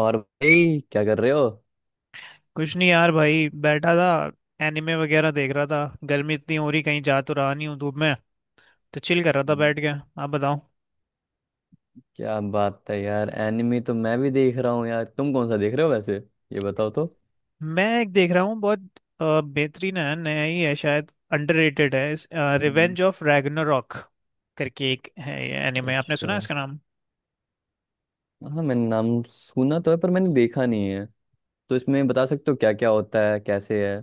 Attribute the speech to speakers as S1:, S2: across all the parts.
S1: और भाई क्या कर रहे हो?
S2: कुछ नहीं यार, भाई बैठा था। एनिमे वगैरह देख रहा था। गर्मी इतनी हो रही, कहीं जा तो रहा नहीं हूँ धूप में, तो चिल कर रहा था
S1: हम्म।
S2: बैठ के। आप बताओ।
S1: क्या बात है यार, एनिमी तो मैं भी देख रहा हूँ यार, तुम कौन सा देख रहे हो वैसे? ये बताओ तो।
S2: मैं एक देख रहा हूँ, बहुत बेहतरीन है, नया ही है शायद, अंडररेटेड है
S1: हम्म।
S2: रिवेंज ऑफ रैग्नारॉक करके एक है ये एनिमे। आपने सुना है
S1: अच्छा।
S2: इसका नाम?
S1: हाँ, मैंने नाम सुना तो है पर मैंने देखा नहीं है। तो इसमें बता सकते हो क्या क्या होता है, कैसे है?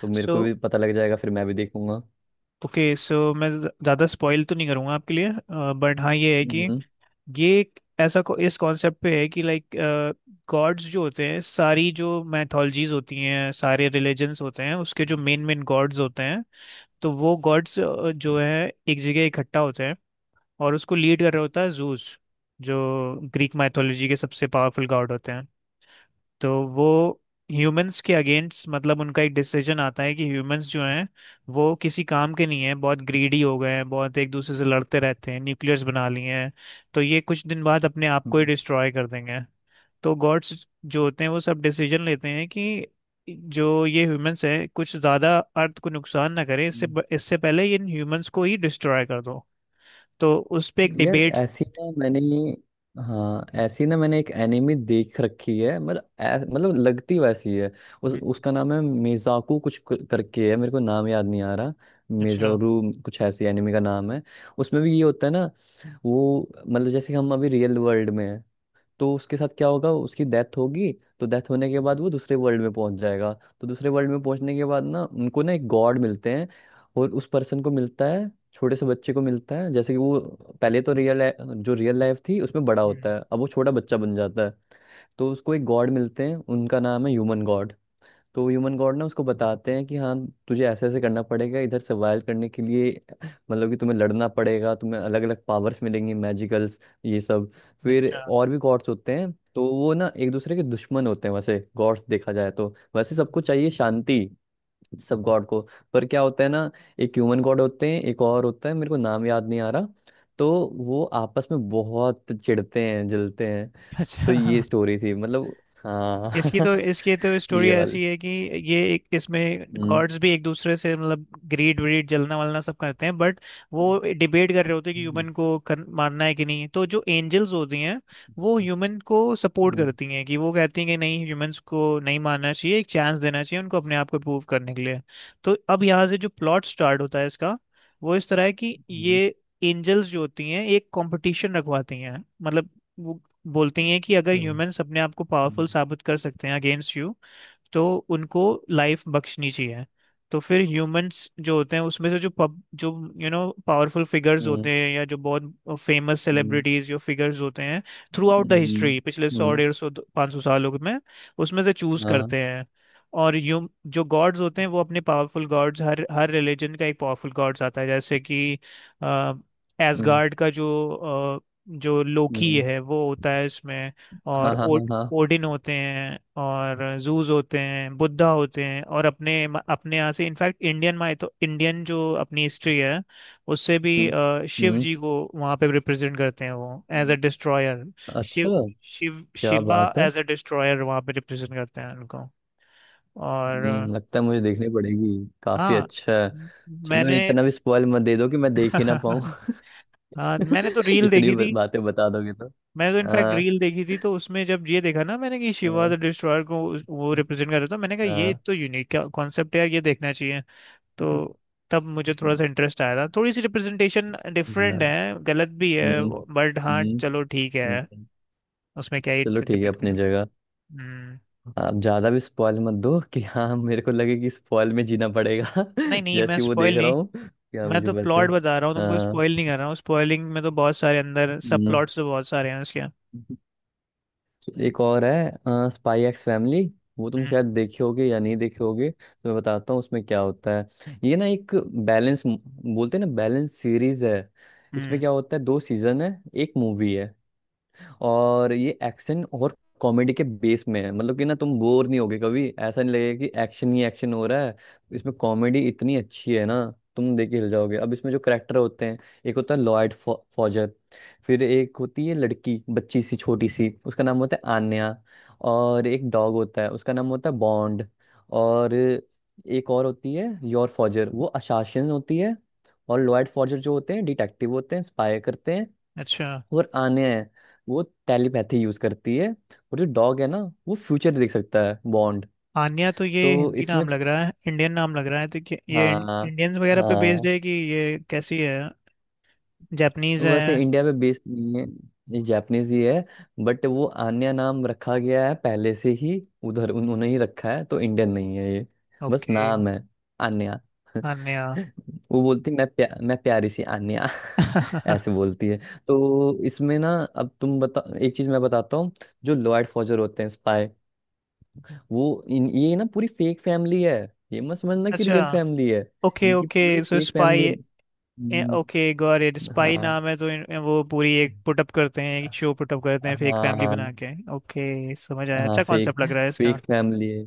S1: तो मेरे
S2: सो
S1: को भी पता लग जाएगा, फिर मैं भी देखूंगा।
S2: ओके, सो मैं ज़्यादा स्पॉइल तो नहीं करूँगा आपके लिए, बट हाँ ये है कि
S1: हम्म।
S2: ये एक इस कॉन्सेप्ट पे है कि लाइक, गॉड्स जो होते हैं, सारी जो मैथोलॉजीज होती हैं, सारे रिलीजन्स होते हैं, उसके जो
S1: हम्म।
S2: मेन मेन गॉड्स होते हैं, तो वो गॉड्स जो है एक जगह इकट्ठा होते हैं, और उसको लीड कर रहा होता है जूस, जो ग्रीक मैथोलॉजी के सबसे पावरफुल गॉड होते हैं। तो वो ह्यूमंस के अगेंस्ट, मतलब उनका एक डिसीजन आता है कि ह्यूमंस जो हैं वो किसी काम के नहीं है, बहुत ग्रीडी हो गए हैं, बहुत एक दूसरे से लड़ते रहते हैं, न्यूक्लियर्स बना लिए हैं, तो ये कुछ दिन बाद अपने आप को ही डिस्ट्रॉय कर देंगे। तो गॉड्स जो होते हैं वो सब डिसीजन लेते हैं कि जो ये ह्यूमंस हैं कुछ ज़्यादा अर्थ को नुकसान ना करें, इससे,
S1: हम्म।
S2: इससे पहले ये इन ह्यूमंस को ही डिस्ट्रॉय कर दो। तो उस पे एक
S1: यार
S2: डिबेट।
S1: ऐसी ना मैंने, हाँ ऐसी ना मैंने एक एनिमी देख रखी है, मतलब मतलब लगती वैसी है। उस उसका नाम है मेजाकू कुछ करके है, मेरे को नाम याद नहीं आ रहा।
S2: अच्छा।
S1: मेजोरू कुछ ऐसी एनिमी का नाम है। उसमें भी ये होता है ना, वो मतलब जैसे हम अभी रियल वर्ल्ड में है, तो उसके साथ क्या होगा, उसकी डेथ होगी। तो डेथ होने के बाद वो दूसरे वर्ल्ड में पहुंच जाएगा। तो दूसरे वर्ल्ड में पहुंचने के बाद ना उनको ना एक गॉड मिलते हैं। और उस पर्सन को मिलता है, छोटे से बच्चे को मिलता है। जैसे कि वो पहले तो रियल, जो रियल लाइफ थी उसमें बड़ा होता
S2: हम्म,
S1: है, अब वो छोटा बच्चा बन जाता है। तो उसको एक गॉड मिलते हैं, उनका नाम है ह्यूमन गॉड। तो ह्यूमन गॉड ना उसको बताते हैं कि हाँ, तुझे ऐसे ऐसे करना पड़ेगा इधर सर्वाइव करने के लिए। मतलब कि तुम्हें लड़ना पड़ेगा, तुम्हें अलग अलग पावर्स मिलेंगी, मैजिकल्स, ये सब। फिर
S2: अच्छा।
S1: और भी गॉड्स होते हैं, तो वो ना एक दूसरे के दुश्मन होते हैं। वैसे गॉड्स देखा जाए तो वैसे सबको चाहिए शांति, सब गॉड को। पर क्या होता है ना, एक ह्यूमन गॉड होते हैं, एक और होता है, मेरे को नाम याद नहीं आ रहा। तो वो आपस में बहुत चिढ़ते हैं, जलते हैं। तो ये
S2: अच्छा।
S1: स्टोरी थी मतलब।
S2: इसकी
S1: हाँ।
S2: तो इसकी तो स्टोरी
S1: ये वाली।
S2: ऐसी है कि ये एक, इसमें
S1: हम्म।
S2: गॉड्स भी एक दूसरे से मतलब ग्रीड व्रीड जलना वलना सब करते हैं, बट वो डिबेट कर रहे होते हैं कि
S1: हम्म।
S2: ह्यूमन को मारना है कि नहीं। तो जो एंजल्स होती हैं वो
S1: हम्म।
S2: ह्यूमन को सपोर्ट करती हैं, कि वो कहती हैं कि नहीं, ह्यूमंस को नहीं मारना चाहिए, एक चांस देना चाहिए उनको अपने आप को प्रूव करने के लिए। तो अब यहाँ से जो प्लॉट स्टार्ट होता है इसका, वो इस तरह है कि ये
S1: हम्म।
S2: एंजल्स जो होती हैं एक कंपटीशन रखवाती हैं। मतलब, बोलती हैं कि अगर
S1: हम्म।
S2: ह्यूमंस अपने आप को पावरफुल साबित कर सकते हैं अगेंस्ट यू, तो उनको लाइफ बख्शनी चाहिए। तो फिर ह्यूमंस जो होते हैं उसमें से जो पब जो यू नो पावरफुल फिगर्स होते
S1: हम्म।
S2: हैं, या जो बहुत फेमस
S1: हम्म।
S2: सेलिब्रिटीज जो फिगर्स होते हैं throughout the
S1: hmm.
S2: History, पिछले 100
S1: हम्म।
S2: 150 500 सालों में, उसमें से चूज
S1: हाँ।
S2: करते हैं। और ह्यूम जो गॉड्स होते हैं वो अपने पावरफुल गॉड्स, हर हर रिलीजन का एक पावरफुल गॉड्स आता है, जैसे कि
S1: हम्म।
S2: एसगार्ड का जो अ, जो लोकी
S1: हम्म।
S2: है वो होता है इसमें,
S1: हाँ
S2: और
S1: हाँ हाँ हाँ।
S2: ओडिन होते हैं, और जूस होते हैं, बुद्धा होते हैं, और अपने अपने यहाँ से, इनफैक्ट, इंडियन माय तो इंडियन, जो अपनी हिस्ट्री है उससे भी
S1: हम्म।
S2: शिव
S1: हम्म।
S2: जी को वहाँ पे रिप्रेजेंट करते हैं, वो एज अ
S1: हम्म।
S2: डिस्ट्रॉयर।
S1: अच्छा।
S2: शिव शिव
S1: क्या
S2: शिवा
S1: बात है।
S2: एज अ डिस्ट्रॉयर वहाँ पे रिप्रेजेंट करते हैं उनको। और
S1: लगता है मुझे देखनी पड़ेगी, काफी
S2: हाँ,
S1: अच्छा है। चलो,
S2: मैंने
S1: इतना भी स्पॉइल मत दे दो कि मैं देख ही ना पाऊँ।
S2: हाँ, मैंने तो रील
S1: इतनी
S2: देखी थी।
S1: बातें बता दोगे तो।
S2: मैंने तो इनफैक्ट
S1: हाँ
S2: रील देखी थी, तो उसमें जब ये देखा ना मैंने कि शिवा द
S1: हाँ
S2: डिस्ट्रॉयर को वो रिप्रेजेंट कर रहा था, मैंने कहा ये
S1: हाँ
S2: तो यूनिक कॉन्सेप्ट है यार, ये देखना चाहिए। तो तब मुझे थोड़ा सा इंटरेस्ट आया था। थोड़ी सी रिप्रेजेंटेशन
S1: हाँ।
S2: डिफरेंट है, गलत भी है,
S1: हम्म।
S2: बट हाँ
S1: हम्म।
S2: चलो ठीक
S1: हम्म।
S2: है, उसमें क्या ही
S1: चलो ठीक है
S2: डिबेट में।
S1: अपनी जगह।
S2: हम्म।
S1: आप ज्यादा भी स्पॉइल मत दो कि हाँ, मेरे को लगे कि स्पॉइल में जीना पड़ेगा।
S2: नहीं नहीं,
S1: जैसे
S2: मैं
S1: ही वो देख
S2: स्पॉइल
S1: रहा
S2: नहीं,
S1: हूँ, क्या
S2: मैं
S1: मुझे
S2: तो
S1: पता है।
S2: प्लॉट बता रहा हूँ तुमको, स्पॉइल
S1: हाँ।
S2: नहीं कर रहा हूँ। स्पॉइलिंग में तो बहुत सारे अंदर सब,
S1: हम्म।
S2: प्लॉट्स तो बहुत सारे हैं उसके।
S1: तो एक और है, स्पाई एक्स फैमिली। वो तुम
S2: हम्म।
S1: शायद देखे होगे या नहीं देखे होगे, तो मैं बताता हूँ उसमें क्या होता है। ये ना एक बैलेंस बोलते हैं ना, बैलेंस सीरीज है। इसमें
S2: हम्म।
S1: क्या होता है, दो सीजन है, एक मूवी है। और ये एक्शन और कॉमेडी के बेस में है, मतलब कि ना तुम बोर नहीं होगे, कभी ऐसा नहीं लगेगा कि एक्शन ही एक्शन हो रहा है। इसमें कॉमेडी इतनी अच्छी है ना, तुम देख के हिल जाओगे। अब इसमें जो करेक्टर होते हैं, एक होता है लॉयड फॉजर। फिर एक होती है लड़की, बच्ची सी छोटी सी, उसका नाम होता है आन्या। और एक डॉग होता है, उसका नाम होता है बॉन्ड। और एक और होती है योर फॉजर, वो अशासन होती है। और लॉयड फॉजर जो होते हैं, डिटेक्टिव होते हैं, स्पाई करते हैं।
S2: अच्छा।
S1: और आने हैं, वो टेलीपैथी यूज करती है। और जो डॉग है ना, वो फ्यूचर देख सकता है, बॉन्ड।
S2: आन्या? तो ये
S1: तो
S2: हिंदी
S1: इसमें,
S2: नाम लग रहा है, इंडियन नाम लग रहा है, तो ये
S1: हाँ,
S2: इंडियंस वगैरह पे बेस्ड
S1: हाँ,
S2: है कि ये कैसी है? जापानीज
S1: वैसे
S2: है?
S1: इंडिया में बेस्ड नहीं है, ये जापानीज ही है। बट वो आन्या नाम रखा गया है पहले से ही, उधर उन्होंने ही रखा है, तो इंडियन नहीं है ये। बस
S2: ओके।
S1: नाम है, आन्या।
S2: आन्या।
S1: वो बोलती मैं प्यारी सी आन्या। ऐसे बोलती है। तो इसमें ना, अब तुम बता, एक चीज मैं बताता हूँ। जो लॉयड फॉजर होते हैं, वो इन ये ना पूरी फेक फैमिली है। ये मत समझना कि
S2: अच्छा।
S1: रियल फैमिली है।
S2: ओके,
S1: इनकी
S2: ओके,
S1: पूरी
S2: सो
S1: फेक फैमिली है।
S2: Spy,
S1: hmm.
S2: Okay, got it. Spy
S1: हाँ।
S2: नाम है तो वो पूरी एक पुटअप करते हैं, एक शो पुटअप करते हैं फेक फैमिली
S1: हाँ।
S2: बना के। ओके, समझ आया,
S1: हाँ
S2: अच्छा
S1: फेक
S2: कॉन्सेप्ट लग रहा है
S1: फेक
S2: इसका।
S1: फैमिली है।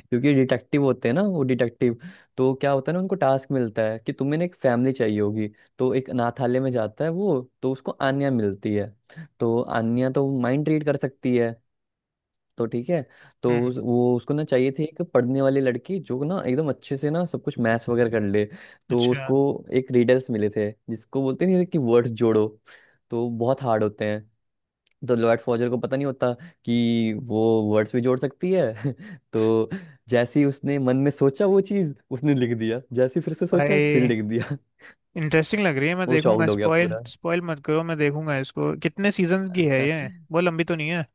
S1: क्योंकि डिटेक्टिव होते हैं ना, वो डिटेक्टिव। तो क्या होता है ना, उनको टास्क मिलता है कि तुम्हें ना एक फैमिली चाहिए होगी। तो एक अनाथालय में जाता है वो, तो उसको आन्या मिलती है। तो आन्या तो माइंड रीड कर सकती है, तो ठीक है। तो उस,
S2: हम्म।
S1: वो उसको ना चाहिए थी एक पढ़ने वाली लड़की, जो ना एकदम अच्छे से ना सब कुछ मैथ्स वगैरह कर ले। तो
S2: अच्छा।
S1: उसको एक रिडल्स मिले थे, जिसको बोलते नहीं है कि वर्ड्स जोड़ो। तो बहुत हार्ड होते हैं। तो लॉर्ड फॉजर को पता नहीं होता कि वो वर्ड्स भी जोड़ सकती है। तो जैसे ही उसने मन में सोचा, वो चीज उसने लिख दिया, जैसे ही फिर से सोचा फिर
S2: भाई,
S1: लिख दिया।
S2: इंटरेस्टिंग लग रही है, मैं
S1: वो
S2: देखूंगा।
S1: शॉक्ड हो गया
S2: स्पॉइल
S1: पूरा।
S2: स्पॉइल मत करो, मैं देखूंगा इसको। कितने सीजन्स की है ये? वो लंबी तो नहीं है?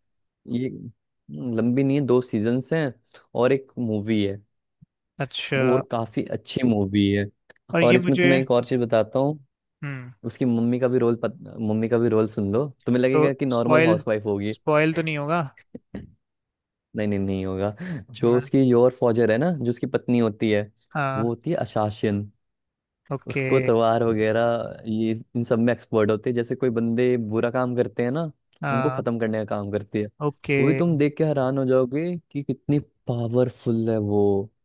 S1: ये लंबी नहीं है, दो सीजन्स हैं और एक मूवी है।
S2: अच्छा।
S1: और काफी अच्छी मूवी है।
S2: और
S1: और
S2: ये
S1: इसमें
S2: मुझे,
S1: तुम्हें एक और चीज बताता हूँ,
S2: हम्म,
S1: उसकी मम्मी का भी रोल मम्मी का भी रोल सुन लो, तुम्हें
S2: तो
S1: लगेगा कि नॉर्मल
S2: स्पॉइल,
S1: हाउसवाइफ होगी।
S2: स्पॉइल तो नहीं होगा?
S1: नहीं नहीं, नहीं होगा। जो
S2: हाँ।
S1: उसकी योर फॉजर है ना, जो उसकी पत्नी होती है, वो
S2: हाँ।
S1: होती है अशासिन।
S2: ओके।
S1: उसको तलवार वगैरह, ये इन सब में एक्सपर्ट होते हैं। जैसे कोई बंदे बुरा काम करते हैं ना, उनको
S2: हाँ।
S1: खत्म करने का काम करती है।
S2: ओके।
S1: वो भी तुम देख के हैरान हो जाओगे कि कितनी पावरफुल है वो,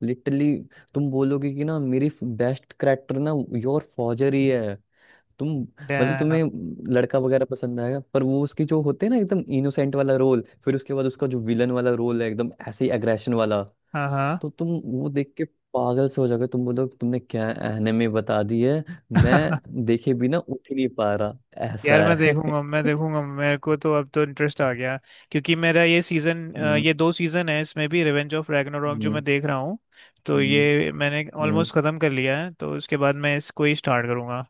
S1: लिटरली। तुम बोलोगे कि ना मेरी बेस्ट करेक्टर ना योर फौजर ही है। तुम, मतलब
S2: डैम।
S1: तुम्हें लड़का वगैरह पसंद आएगा, पर वो उसकी जो होते हैं ना एकदम इनोसेंट वाला रोल, फिर उसके बाद उसका जो विलन वाला रोल है एकदम ऐसे ही एग्रेशन वाला।
S2: हाँ।
S1: तो तुम वो देख के पागल से हो जाओगे, तुम बोलोगे तुमने क्या एनिमे बता दी है। मैं
S2: हाँ।
S1: देखे बिना उठ ही नहीं पा रहा, ऐसा
S2: यार मैं
S1: है।
S2: देखूंगा, मैं देखूंगा, मेरे को तो अब तो इंटरेस्ट आ गया। क्योंकि मेरा ये सीजन,
S1: हम्म।
S2: ये 2 सीजन है इसमें भी, रिवेंज ऑफ रैग्नारोक जो मैं
S1: हम्म।
S2: देख रहा हूँ तो
S1: हम्म।
S2: ये मैंने
S1: हम्म।
S2: ऑलमोस्ट खत्म कर लिया है, तो उसके बाद मैं इसको ही स्टार्ट करूंगा।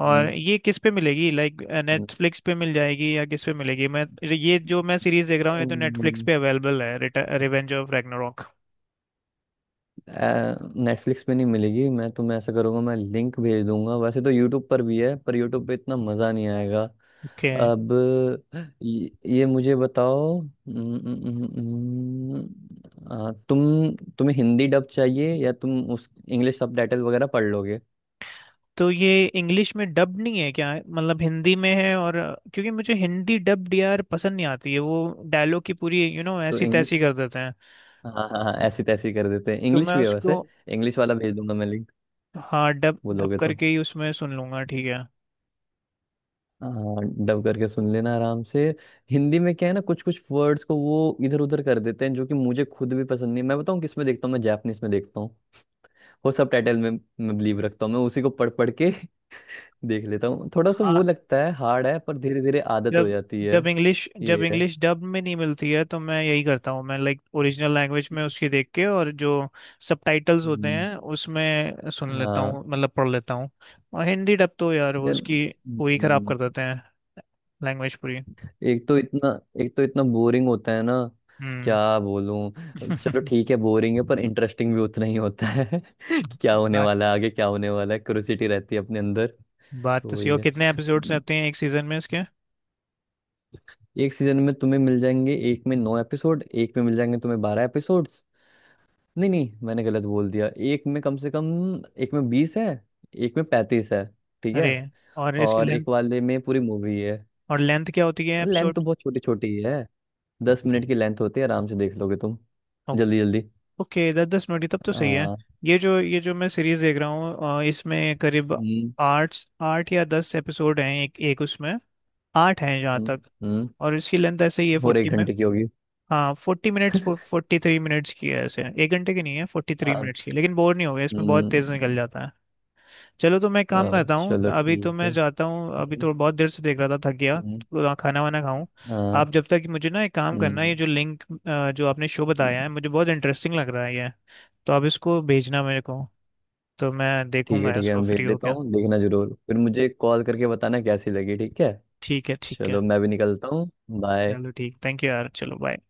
S2: और
S1: हम्म।
S2: ये किस पे मिलेगी, लाइक
S1: हम्म।
S2: नेटफ्लिक्स पे मिल जाएगी या किस पे मिलेगी? मैं, ये जो मैं सीरीज देख रहा हूँ ये
S1: नहीं,
S2: तो नेटफ्लिक्स
S1: नहीं,
S2: पे अवेलेबल है, रिवेंज ऑफ रैग्नारोक।
S1: नेटफ्लिक्स पे नहीं मिलेगी। मैं तुम्हें ऐसा करूँगा, मैं लिंक भेज दूंगा। वैसे तो यूट्यूब पर भी है, पर यूट्यूब पे इतना मज़ा नहीं आएगा।
S2: ओके।
S1: अब ये, ये मुझे बताओ, तुम, तुम्हें हिंदी डब चाहिए या तुम उस इंग्लिश सबटाइटल वगैरह पढ़ लोगे?
S2: तो ये इंग्लिश में डब नहीं है क्या, मतलब हिंदी में है, और क्योंकि मुझे हिंदी डब्ड यार पसंद नहीं आती है वो, डायलॉग की पूरी यू you नो know,
S1: तो
S2: ऐसी
S1: इंग्लिश,
S2: तैसी कर देते हैं।
S1: हाँ हाँ हाँ, ऐसी तैसी कर देते हैं।
S2: तो
S1: इंग्लिश
S2: मैं
S1: भी है
S2: उसको
S1: वैसे, इंग्लिश वाला भेज दूंगा मैं लिंक,
S2: हाँ, डब डब
S1: बोलोगे तो।
S2: करके ही उसमें सुन लूंगा, ठीक है?
S1: हाँ, डब करके सुन लेना आराम से। हिंदी में क्या है ना, कुछ कुछ वर्ड्स को वो इधर उधर कर देते हैं, जो कि मुझे खुद भी पसंद नहीं है। मैं बताऊँ किस में देखता हूँ, मैं जापनीज में देखता हूँ। वो सब टाइटल में मैं बिलीव रखता हूँ, मैं उसी को पढ़ पढ़ के देख लेता हूँ। थोड़ा सा वो
S2: हाँ।
S1: लगता है हार्ड है, पर धीरे धीरे आदत हो
S2: जब
S1: जाती है।
S2: जब
S1: ये है।
S2: इंग्लिश डब में नहीं मिलती है तो मैं यही करता हूँ, मैं लाइक ओरिजिनल लैंग्वेज में उसकी देख के, और जो सबटाइटल्स होते
S1: हम्म।
S2: हैं उसमें सुन लेता
S1: हाँ।
S2: हूँ, मतलब पढ़ लेता हूँ। और हिंदी डब तो यार वो
S1: यार।
S2: उसकी पूरी खराब
S1: हम्म।
S2: कर देते हैं, लैंग्वेज पूरी।
S1: एक तो इतना एक तो इतना बोरिंग होता है ना। क्या
S2: हम्म।
S1: बोलूं, चलो ठीक है, बोरिंग है पर इंटरेस्टिंग भी उतना ही होता है कि क्या होने
S2: बात
S1: वाला है आगे, क्या होने वाला है, क्यूरियोसिटी रहती है अपने अंदर।
S2: बात तो
S1: तो
S2: सही
S1: वही
S2: हो।
S1: है,
S2: कितने एपिसोड्स आते हैं एक सीजन में इसके?
S1: एक सीजन में तुम्हें मिल जाएंगे, एक में 9 एपिसोड, एक में मिल जाएंगे तुम्हें 12 एपिसोड्स। नहीं नहीं, मैंने गलत बोल दिया। एक में कम से कम, एक में 20 है, एक में 35 है, ठीक
S2: अरे।
S1: है।
S2: और इसकी
S1: और
S2: लेंथ,
S1: एक वाले में पूरी मूवी है।
S2: और लेंथ क्या होती है
S1: लेंथ
S2: एपिसोड?
S1: तो बहुत छोटी छोटी ही है, 10 मिनट की लेंथ होती है, आराम से देख लोगे तुम जल्दी जल्दी।
S2: ओके, 10 10 मिनट ही, तब तो सही है।
S1: आ,
S2: ये जो मैं सीरीज देख रहा हूँ इसमें करीब
S1: हम्म,
S2: 8, 8 या 10 एपिसोड हैं, एक एक उसमें, 8 हैं जहाँ
S1: हम्म,
S2: तक।
S1: हम्म,
S2: और इसकी लेंथ ऐसे ही है
S1: और एक
S2: 40 में,
S1: घंटे की होगी।
S2: हाँ 40 मिनट्स, 43 मिनट्स की है ऐसे, एक घंटे की नहीं है, फोर्टी थ्री
S1: आ,
S2: मिनट्स की, लेकिन बोर नहीं हो गया इसमें, बहुत
S1: हम्म,
S2: तेज निकल जाता है। चलो तो मैं एक काम करता हूँ,
S1: चलो
S2: अभी तो
S1: ठीक है।
S2: मैं जाता हूँ, अभी
S1: हम्म।
S2: तो बहुत देर से देख रहा था, थक गया,
S1: हम्म।
S2: तो खाना वाना खाऊं।
S1: आ,
S2: आप जब तक, मुझे ना एक काम करना, ये
S1: हम्म।
S2: जो लिंक जो आपने शो बताया है, मुझे बहुत इंटरेस्टिंग लग रहा है ये, तो आप इसको भेजना मेरे को, तो मैं
S1: ठीक है
S2: देखूंगा
S1: ठीक है,
S2: इसको
S1: मैं भेज
S2: फ्री हो
S1: देता
S2: क्या।
S1: हूँ, देखना जरूर, फिर मुझे कॉल करके बताना कैसी लगी, ठीक है।
S2: ठीक है, ठीक है।
S1: चलो मैं भी निकलता हूँ। बाय।
S2: चलो ठीक, थैंक यू यार, चलो बाय।